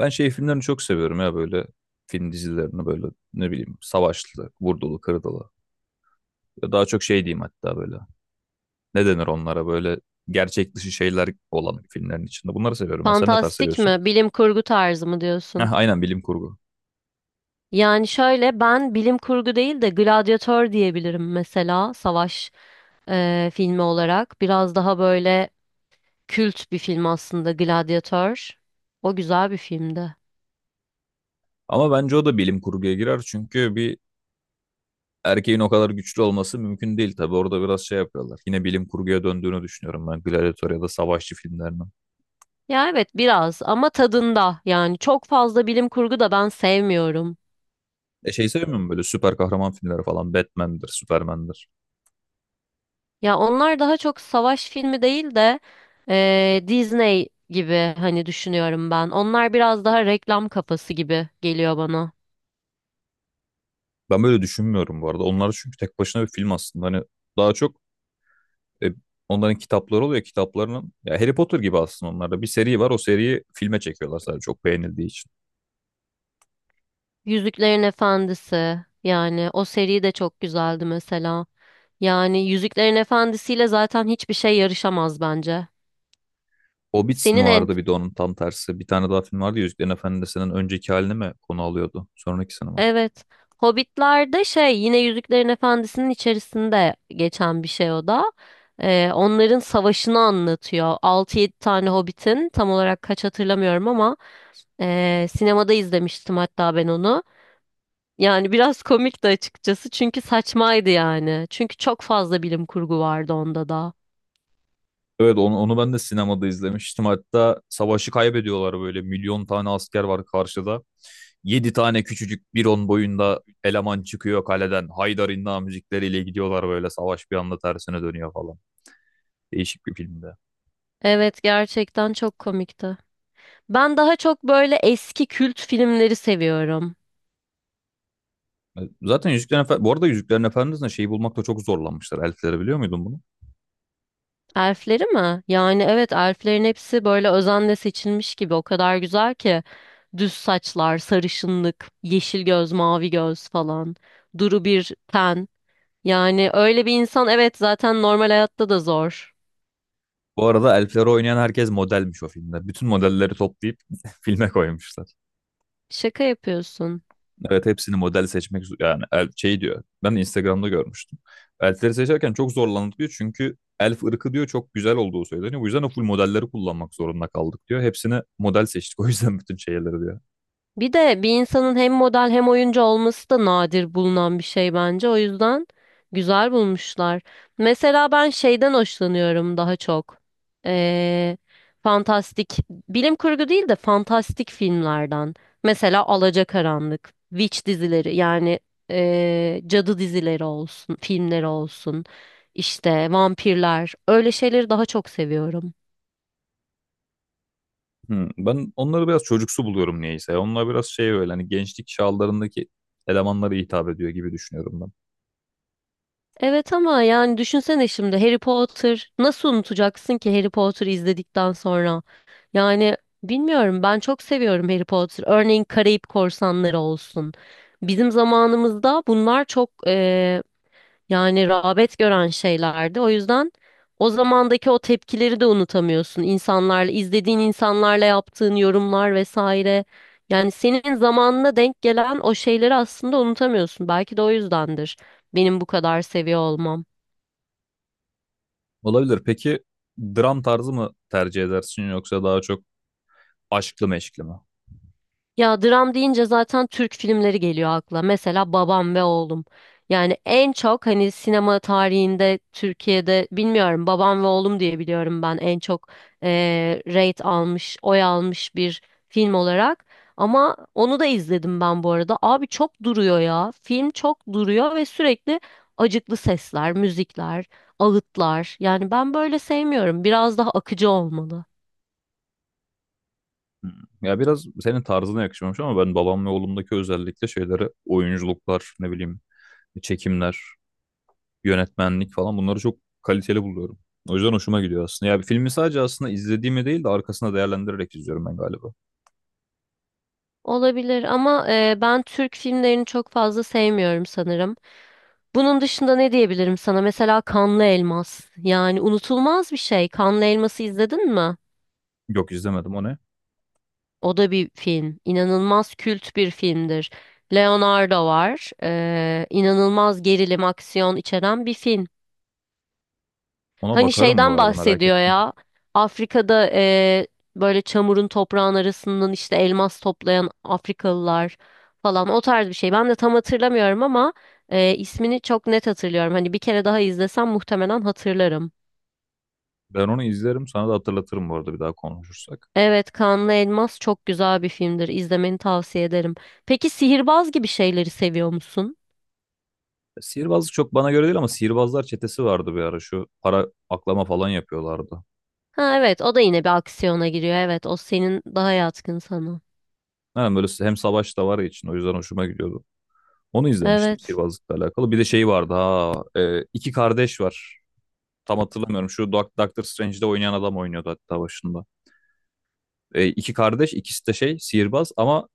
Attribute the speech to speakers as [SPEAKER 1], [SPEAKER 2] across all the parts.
[SPEAKER 1] Ben şey filmlerini çok seviyorum ya böyle film dizilerini böyle ne bileyim savaşlı, vurdulu, kırdılı. Ya daha çok şey diyeyim hatta böyle. Ne denir onlara böyle gerçek dışı şeyler olan filmlerin içinde. Bunları seviyorum ben. Sen ne tarz
[SPEAKER 2] Fantastik
[SPEAKER 1] seviyorsun?
[SPEAKER 2] mi? Bilim kurgu tarzı mı diyorsun?
[SPEAKER 1] Heh, aynen bilim kurgu.
[SPEAKER 2] Yani şöyle ben bilim kurgu değil de Gladyatör diyebilirim mesela savaş filmi olarak. Biraz daha böyle kült bir film aslında Gladyatör. O güzel bir filmdi.
[SPEAKER 1] Ama bence o da bilim kurguya girer çünkü bir erkeğin o kadar güçlü olması mümkün değil tabii. Orada biraz şey yapıyorlar. Yine bilim kurguya döndüğünü düşünüyorum ben Gladiator ya da savaşçı filmlerinin.
[SPEAKER 2] Ya evet biraz ama tadında yani çok fazla bilim kurgu da ben sevmiyorum.
[SPEAKER 1] E şey sevmiyorum böyle süper kahraman filmleri falan. Batman'dir, Superman'dir.
[SPEAKER 2] Ya onlar daha çok savaş filmi değil de Disney gibi hani düşünüyorum ben. Onlar biraz daha reklam kafası gibi geliyor bana.
[SPEAKER 1] Ben böyle düşünmüyorum bu arada. Onlar çünkü tek başına bir film aslında. Hani daha çok e, onların kitapları oluyor. Kitaplarının ya Harry Potter gibi aslında onlarda. Bir seri var. O seriyi filme çekiyorlar sadece çok beğenildiği için.
[SPEAKER 2] Yüzüklerin Efendisi yani o seri de çok güzeldi mesela. Yani Yüzüklerin Efendisi ile zaten hiçbir şey yarışamaz bence.
[SPEAKER 1] Hobbit mi
[SPEAKER 2] Senin en
[SPEAKER 1] vardı bir de onun tam tersi. Bir tane daha film vardı ya Yüzüklerin Efendisi'nin önceki halini mi konu alıyordu? Sonraki mi?
[SPEAKER 2] evet, Hobbitler'de şey yine Yüzüklerin Efendisi'nin içerisinde geçen bir şey o da. Onların savaşını anlatıyor. 6 7 tane Hobbit'in tam olarak kaç hatırlamıyorum ama sinemada izlemiştim hatta ben onu. Yani biraz komikti açıkçası çünkü saçmaydı yani. Çünkü çok fazla bilim kurgu vardı onda da.
[SPEAKER 1] Evet onu ben de sinemada izlemiştim. Hatta savaşı kaybediyorlar böyle milyon tane asker var karşıda. Yedi tane küçücük bir on boyunda eleman çıkıyor kaleden. Haydar İnna müzikleriyle gidiyorlar böyle savaş bir anda tersine dönüyor falan. Değişik bir filmde.
[SPEAKER 2] Evet, gerçekten çok komikti. Ben daha çok böyle eski kült filmleri seviyorum.
[SPEAKER 1] Zaten Yüzüklerin Efendisi, bu arada Yüzüklerin Efendisi'nde şeyi bulmakta çok zorlanmışlar. Elfleri biliyor muydun bunu?
[SPEAKER 2] Elfleri mi? Yani evet, elflerin hepsi böyle özenle seçilmiş gibi o kadar güzel ki. Düz saçlar, sarışınlık, yeşil göz, mavi göz falan. Duru bir ten. Yani öyle bir insan evet zaten normal hayatta da zor.
[SPEAKER 1] Bu arada elfleri oynayan herkes modelmiş o filmde. Bütün modelleri toplayıp filme koymuşlar.
[SPEAKER 2] Şaka yapıyorsun.
[SPEAKER 1] Evet hepsini model seçmek yani şey diyor. Ben Instagram'da görmüştüm. Elfleri seçerken çok zorlandık diyor. Çünkü elf ırkı diyor çok güzel olduğu söyleniyor. Bu yüzden o full modelleri kullanmak zorunda kaldık diyor. Hepsini model seçtik o yüzden bütün şeyleri diyor.
[SPEAKER 2] Bir de bir insanın hem model hem oyuncu olması da nadir bulunan bir şey bence. O yüzden güzel bulmuşlar. Mesela ben şeyden hoşlanıyorum daha çok. Ee, Fantastik, bilim kurgu değil de fantastik filmlerden. Mesela Alacakaranlık, Witch dizileri yani cadı dizileri olsun, filmleri olsun. İşte vampirler, öyle şeyleri daha çok seviyorum.
[SPEAKER 1] Ben onları biraz çocuksu buluyorum niyeyse. Onlar biraz şey böyle hani gençlik çağlarındaki elemanlara hitap ediyor gibi düşünüyorum ben.
[SPEAKER 2] Evet ama yani düşünsene şimdi Harry Potter nasıl unutacaksın ki Harry Potter izledikten sonra? Yani bilmiyorum, ben çok seviyorum Harry Potter. Örneğin Karayip Korsanları olsun. Bizim zamanımızda bunlar çok yani rağbet gören şeylerdi. O yüzden o zamandaki o tepkileri de unutamıyorsun. İnsanlarla, izlediğin insanlarla yaptığın yorumlar vesaire. Yani senin zamanına denk gelen o şeyleri aslında unutamıyorsun. Belki de o yüzdendir benim bu kadar seviyor olmam.
[SPEAKER 1] Olabilir. Peki dram tarzı mı tercih edersin yoksa daha çok aşklı meşkli mi?
[SPEAKER 2] Ya dram deyince zaten Türk filmleri geliyor akla. Mesela Babam ve Oğlum. Yani en çok hani sinema tarihinde Türkiye'de bilmiyorum Babam ve Oğlum diye biliyorum ben en çok rate almış, oy almış bir film olarak. Ama onu da izledim ben bu arada. Abi çok duruyor ya. Film çok duruyor ve sürekli acıklı sesler, müzikler, ağıtlar. Yani ben böyle sevmiyorum. Biraz daha akıcı olmalı.
[SPEAKER 1] Hmm. Ya biraz senin tarzına yakışmamış ama ben babam ve oğlumdaki özellikle şeyleri oyunculuklar, ne bileyim çekimler, yönetmenlik falan bunları çok kaliteli buluyorum. O yüzden hoşuma gidiyor aslında. Ya bir filmi sadece aslında izlediğimi değil de arkasında değerlendirerek izliyorum ben galiba.
[SPEAKER 2] Olabilir ama ben Türk filmlerini çok fazla sevmiyorum sanırım. Bunun dışında ne diyebilirim sana? Mesela Kanlı Elmas. Yani unutulmaz bir şey. Kanlı Elmas'ı izledin mi?
[SPEAKER 1] Yok izlemedim o ne?
[SPEAKER 2] O da bir film. İnanılmaz kült bir filmdir. Leonardo var. İnanılmaz gerilim, aksiyon içeren bir film.
[SPEAKER 1] Ona
[SPEAKER 2] Hani
[SPEAKER 1] bakarım bu
[SPEAKER 2] şeyden
[SPEAKER 1] arada merak
[SPEAKER 2] bahsediyor
[SPEAKER 1] ettim.
[SPEAKER 2] ya. Afrika'da böyle çamurun toprağın arasından işte elmas toplayan Afrikalılar falan o tarz bir şey. Ben de tam hatırlamıyorum ama ismini çok net hatırlıyorum. Hani bir kere daha izlesem muhtemelen hatırlarım.
[SPEAKER 1] Ben onu izlerim sana da hatırlatırım bu arada bir daha konuşursak.
[SPEAKER 2] Evet, Kanlı Elmas çok güzel bir filmdir. İzlemeni tavsiye ederim. Peki sihirbaz gibi şeyleri seviyor musun?
[SPEAKER 1] Ya sihirbazlık çok bana göre değil ama sihirbazlar çetesi vardı bir ara şu para aklama falan yapıyorlardı.
[SPEAKER 2] Ha evet, o da yine bir aksiyona giriyor. Evet, o senin daha yatkın sana.
[SPEAKER 1] Yani böyle hem savaş da var ya için o yüzden hoşuma gidiyordu. Onu izlemiştim
[SPEAKER 2] Evet.
[SPEAKER 1] sihirbazlıkla alakalı. Bir de şey vardı ha iki kardeş var. Tam hatırlamıyorum şu Doctor Strange'de oynayan adam oynuyordu hatta başında. İki kardeş ikisi de şey sihirbaz ama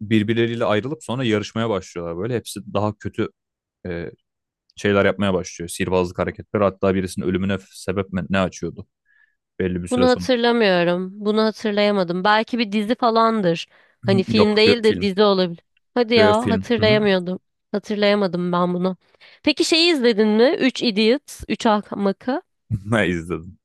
[SPEAKER 1] birbirleriyle ayrılıp sonra yarışmaya başlıyorlar böyle. Hepsi daha kötü e, şeyler yapmaya başlıyor. Sihirbazlık hareketleri hatta birisinin ölümüne sebep ne açıyordu belli bir süre
[SPEAKER 2] Bunu
[SPEAKER 1] sonra.
[SPEAKER 2] hatırlamıyorum. Bunu hatırlayamadım. Belki bir dizi falandır. Hani
[SPEAKER 1] Yok
[SPEAKER 2] film
[SPEAKER 1] bir
[SPEAKER 2] değil de
[SPEAKER 1] film.
[SPEAKER 2] dizi olabilir. Hadi ya
[SPEAKER 1] Film. Hı hı.
[SPEAKER 2] hatırlayamıyordum. Hatırlayamadım ben bunu. Peki şeyi izledin mi? Üç Idiots, 3 Ahmakı.
[SPEAKER 1] Ben izledim.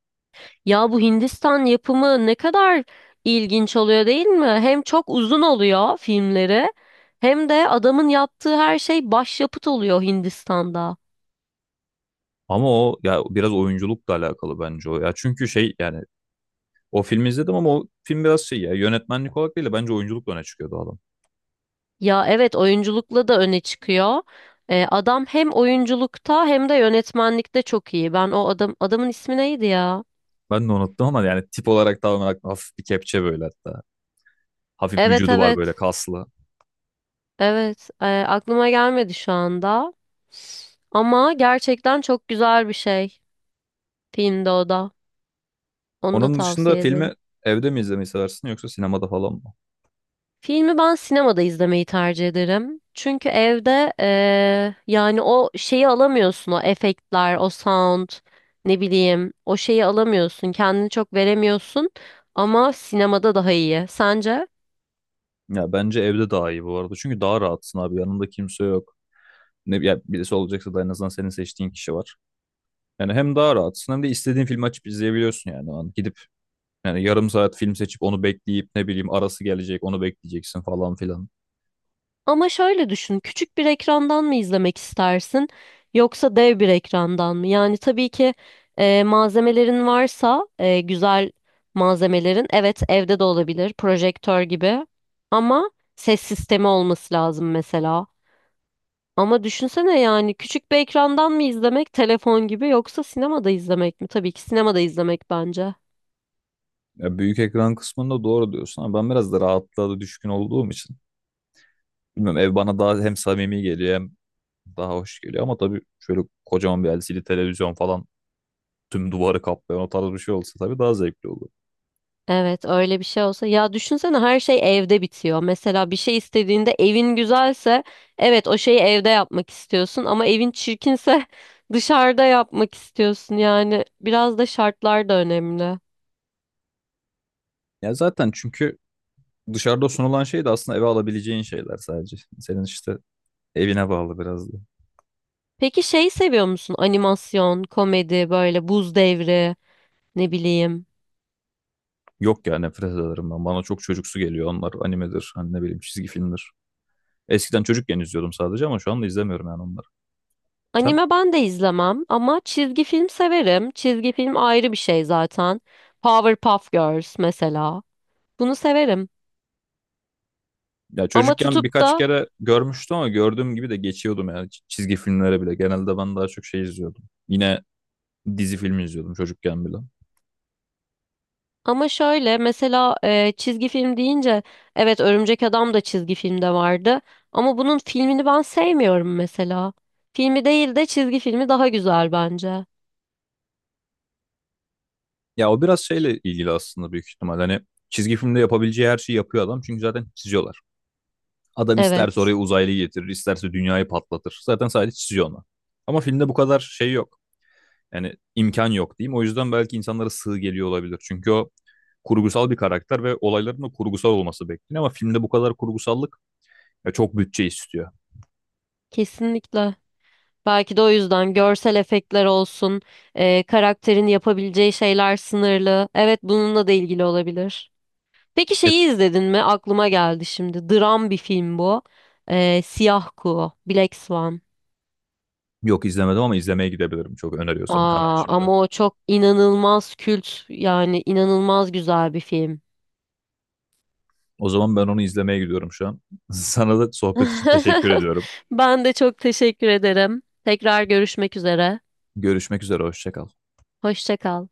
[SPEAKER 2] Ya bu Hindistan yapımı ne kadar ilginç oluyor değil mi? Hem çok uzun oluyor filmleri hem de adamın yaptığı her şey başyapıt oluyor Hindistan'da.
[SPEAKER 1] Ama o ya biraz oyunculukla alakalı bence o ya. Çünkü şey yani o filmi izledim ama o film biraz şey ya yönetmenlik olarak değil de bence oyunculukla öne çıkıyordu adam.
[SPEAKER 2] Ya evet, oyunculukla da öne çıkıyor. Adam hem oyunculukta hem de yönetmenlikte çok iyi. Ben o adamın ismi neydi ya?
[SPEAKER 1] Ben de unuttum ama yani tip olarak da olarak hafif bir kepçe böyle hatta. Hafif
[SPEAKER 2] Evet,
[SPEAKER 1] vücudu var
[SPEAKER 2] evet,
[SPEAKER 1] böyle kaslı.
[SPEAKER 2] evet. Aklıma gelmedi şu anda. Ama gerçekten çok güzel bir şey filmde o da. Onu da
[SPEAKER 1] Onun dışında
[SPEAKER 2] tavsiye
[SPEAKER 1] filmi
[SPEAKER 2] ederim.
[SPEAKER 1] evde mi izlemeyi seversin yoksa sinemada falan mı?
[SPEAKER 2] Filmi ben sinemada izlemeyi tercih ederim. Çünkü evde yani o şeyi alamıyorsun, o efektler, o sound, ne bileyim o şeyi alamıyorsun. Kendini çok veremiyorsun ama sinemada daha iyi. Sence?
[SPEAKER 1] Ya bence evde daha iyi bu arada. Çünkü daha rahatsın abi yanında kimse yok. Ne, ya birisi olacaksa da en azından senin seçtiğin kişi var. Yani hem daha rahatsın hem de istediğin filmi açıp izleyebiliyorsun yani. O an gidip yani yarım saat film seçip onu bekleyip ne bileyim arası gelecek onu bekleyeceksin falan filan.
[SPEAKER 2] Ama şöyle düşün, küçük bir ekrandan mı izlemek istersin yoksa dev bir ekrandan mı? Yani tabii ki malzemelerin varsa güzel malzemelerin, evet evde de olabilir projektör gibi ama ses sistemi olması lazım mesela. Ama düşünsene, yani küçük bir ekrandan mı izlemek telefon gibi yoksa sinemada izlemek mi? Tabii ki sinemada izlemek bence.
[SPEAKER 1] Ya büyük ekran kısmında doğru diyorsun ama ben biraz da rahatlığa da düşkün olduğum için. Bilmiyorum ev bana daha hem samimi geliyor hem daha hoş geliyor ama tabii şöyle kocaman bir LCD televizyon falan tüm duvarı kaplayan o tarz bir şey olsa tabii daha zevkli olur.
[SPEAKER 2] Evet, öyle bir şey olsa ya düşünsene her şey evde bitiyor. Mesela bir şey istediğinde evin güzelse evet o şeyi evde yapmak istiyorsun ama evin çirkinse dışarıda yapmak istiyorsun. Yani biraz da şartlar da önemli.
[SPEAKER 1] Ya zaten çünkü dışarıda sunulan şey de aslında eve alabileceğin şeyler sadece. Senin işte evine bağlı biraz da.
[SPEAKER 2] Peki şeyi seviyor musun? Animasyon, komedi, böyle buz devri, ne bileyim.
[SPEAKER 1] Yok ya nefret ederim ben. Bana çok çocuksu geliyor onlar. Animedir, hani ne bileyim çizgi filmdir. Eskiden çocukken izliyordum sadece ama şu anda izlemiyorum yani onları. Sen?
[SPEAKER 2] Anime ben de izlemem ama çizgi film severim. Çizgi film ayrı bir şey zaten. Powerpuff Girls mesela. Bunu severim.
[SPEAKER 1] Ya
[SPEAKER 2] Ama
[SPEAKER 1] çocukken
[SPEAKER 2] tutup
[SPEAKER 1] birkaç
[SPEAKER 2] da
[SPEAKER 1] kere görmüştüm ama gördüğüm gibi de geçiyordum yani çizgi filmlere bile. Genelde ben daha çok şey izliyordum. Yine dizi filmi izliyordum çocukken bile.
[SPEAKER 2] Ama şöyle mesela çizgi film deyince evet Örümcek Adam da çizgi filmde vardı ama bunun filmini ben sevmiyorum mesela. Filmi değil de çizgi filmi daha güzel bence.
[SPEAKER 1] Ya o biraz şeyle ilgili aslında büyük ihtimal. Hani çizgi filmde yapabileceği her şeyi yapıyor adam çünkü zaten çiziyorlar. Adam isterse
[SPEAKER 2] Evet,
[SPEAKER 1] oraya uzaylıyı getirir, isterse dünyayı patlatır. Zaten sadece çiziyor ona. Ama filmde bu kadar şey yok. Yani imkan yok diyeyim. O yüzden belki insanlara sığ geliyor olabilir. Çünkü o kurgusal bir karakter ve olayların da kurgusal olması bekleniyor ama filmde bu kadar kurgusallık ya çok bütçe istiyor.
[SPEAKER 2] kesinlikle. Belki de o yüzden görsel efektler olsun, karakterin yapabileceği şeyler sınırlı. Evet, bununla da ilgili olabilir. Peki
[SPEAKER 1] E,
[SPEAKER 2] şeyi izledin mi? Aklıma geldi şimdi. Dram bir film bu. Siyah Kuğu, Black Swan.
[SPEAKER 1] yok izlemedim ama izlemeye gidebilirim çok öneriyorsan hemen
[SPEAKER 2] Aa,
[SPEAKER 1] şimdi.
[SPEAKER 2] ama o çok inanılmaz kült yani inanılmaz güzel bir film.
[SPEAKER 1] O zaman ben onu izlemeye gidiyorum şu an. Sana da sohbet için teşekkür ediyorum.
[SPEAKER 2] Ben de çok teşekkür ederim. Tekrar görüşmek üzere.
[SPEAKER 1] Görüşmek üzere, hoşça kal.
[SPEAKER 2] Hoşça kal.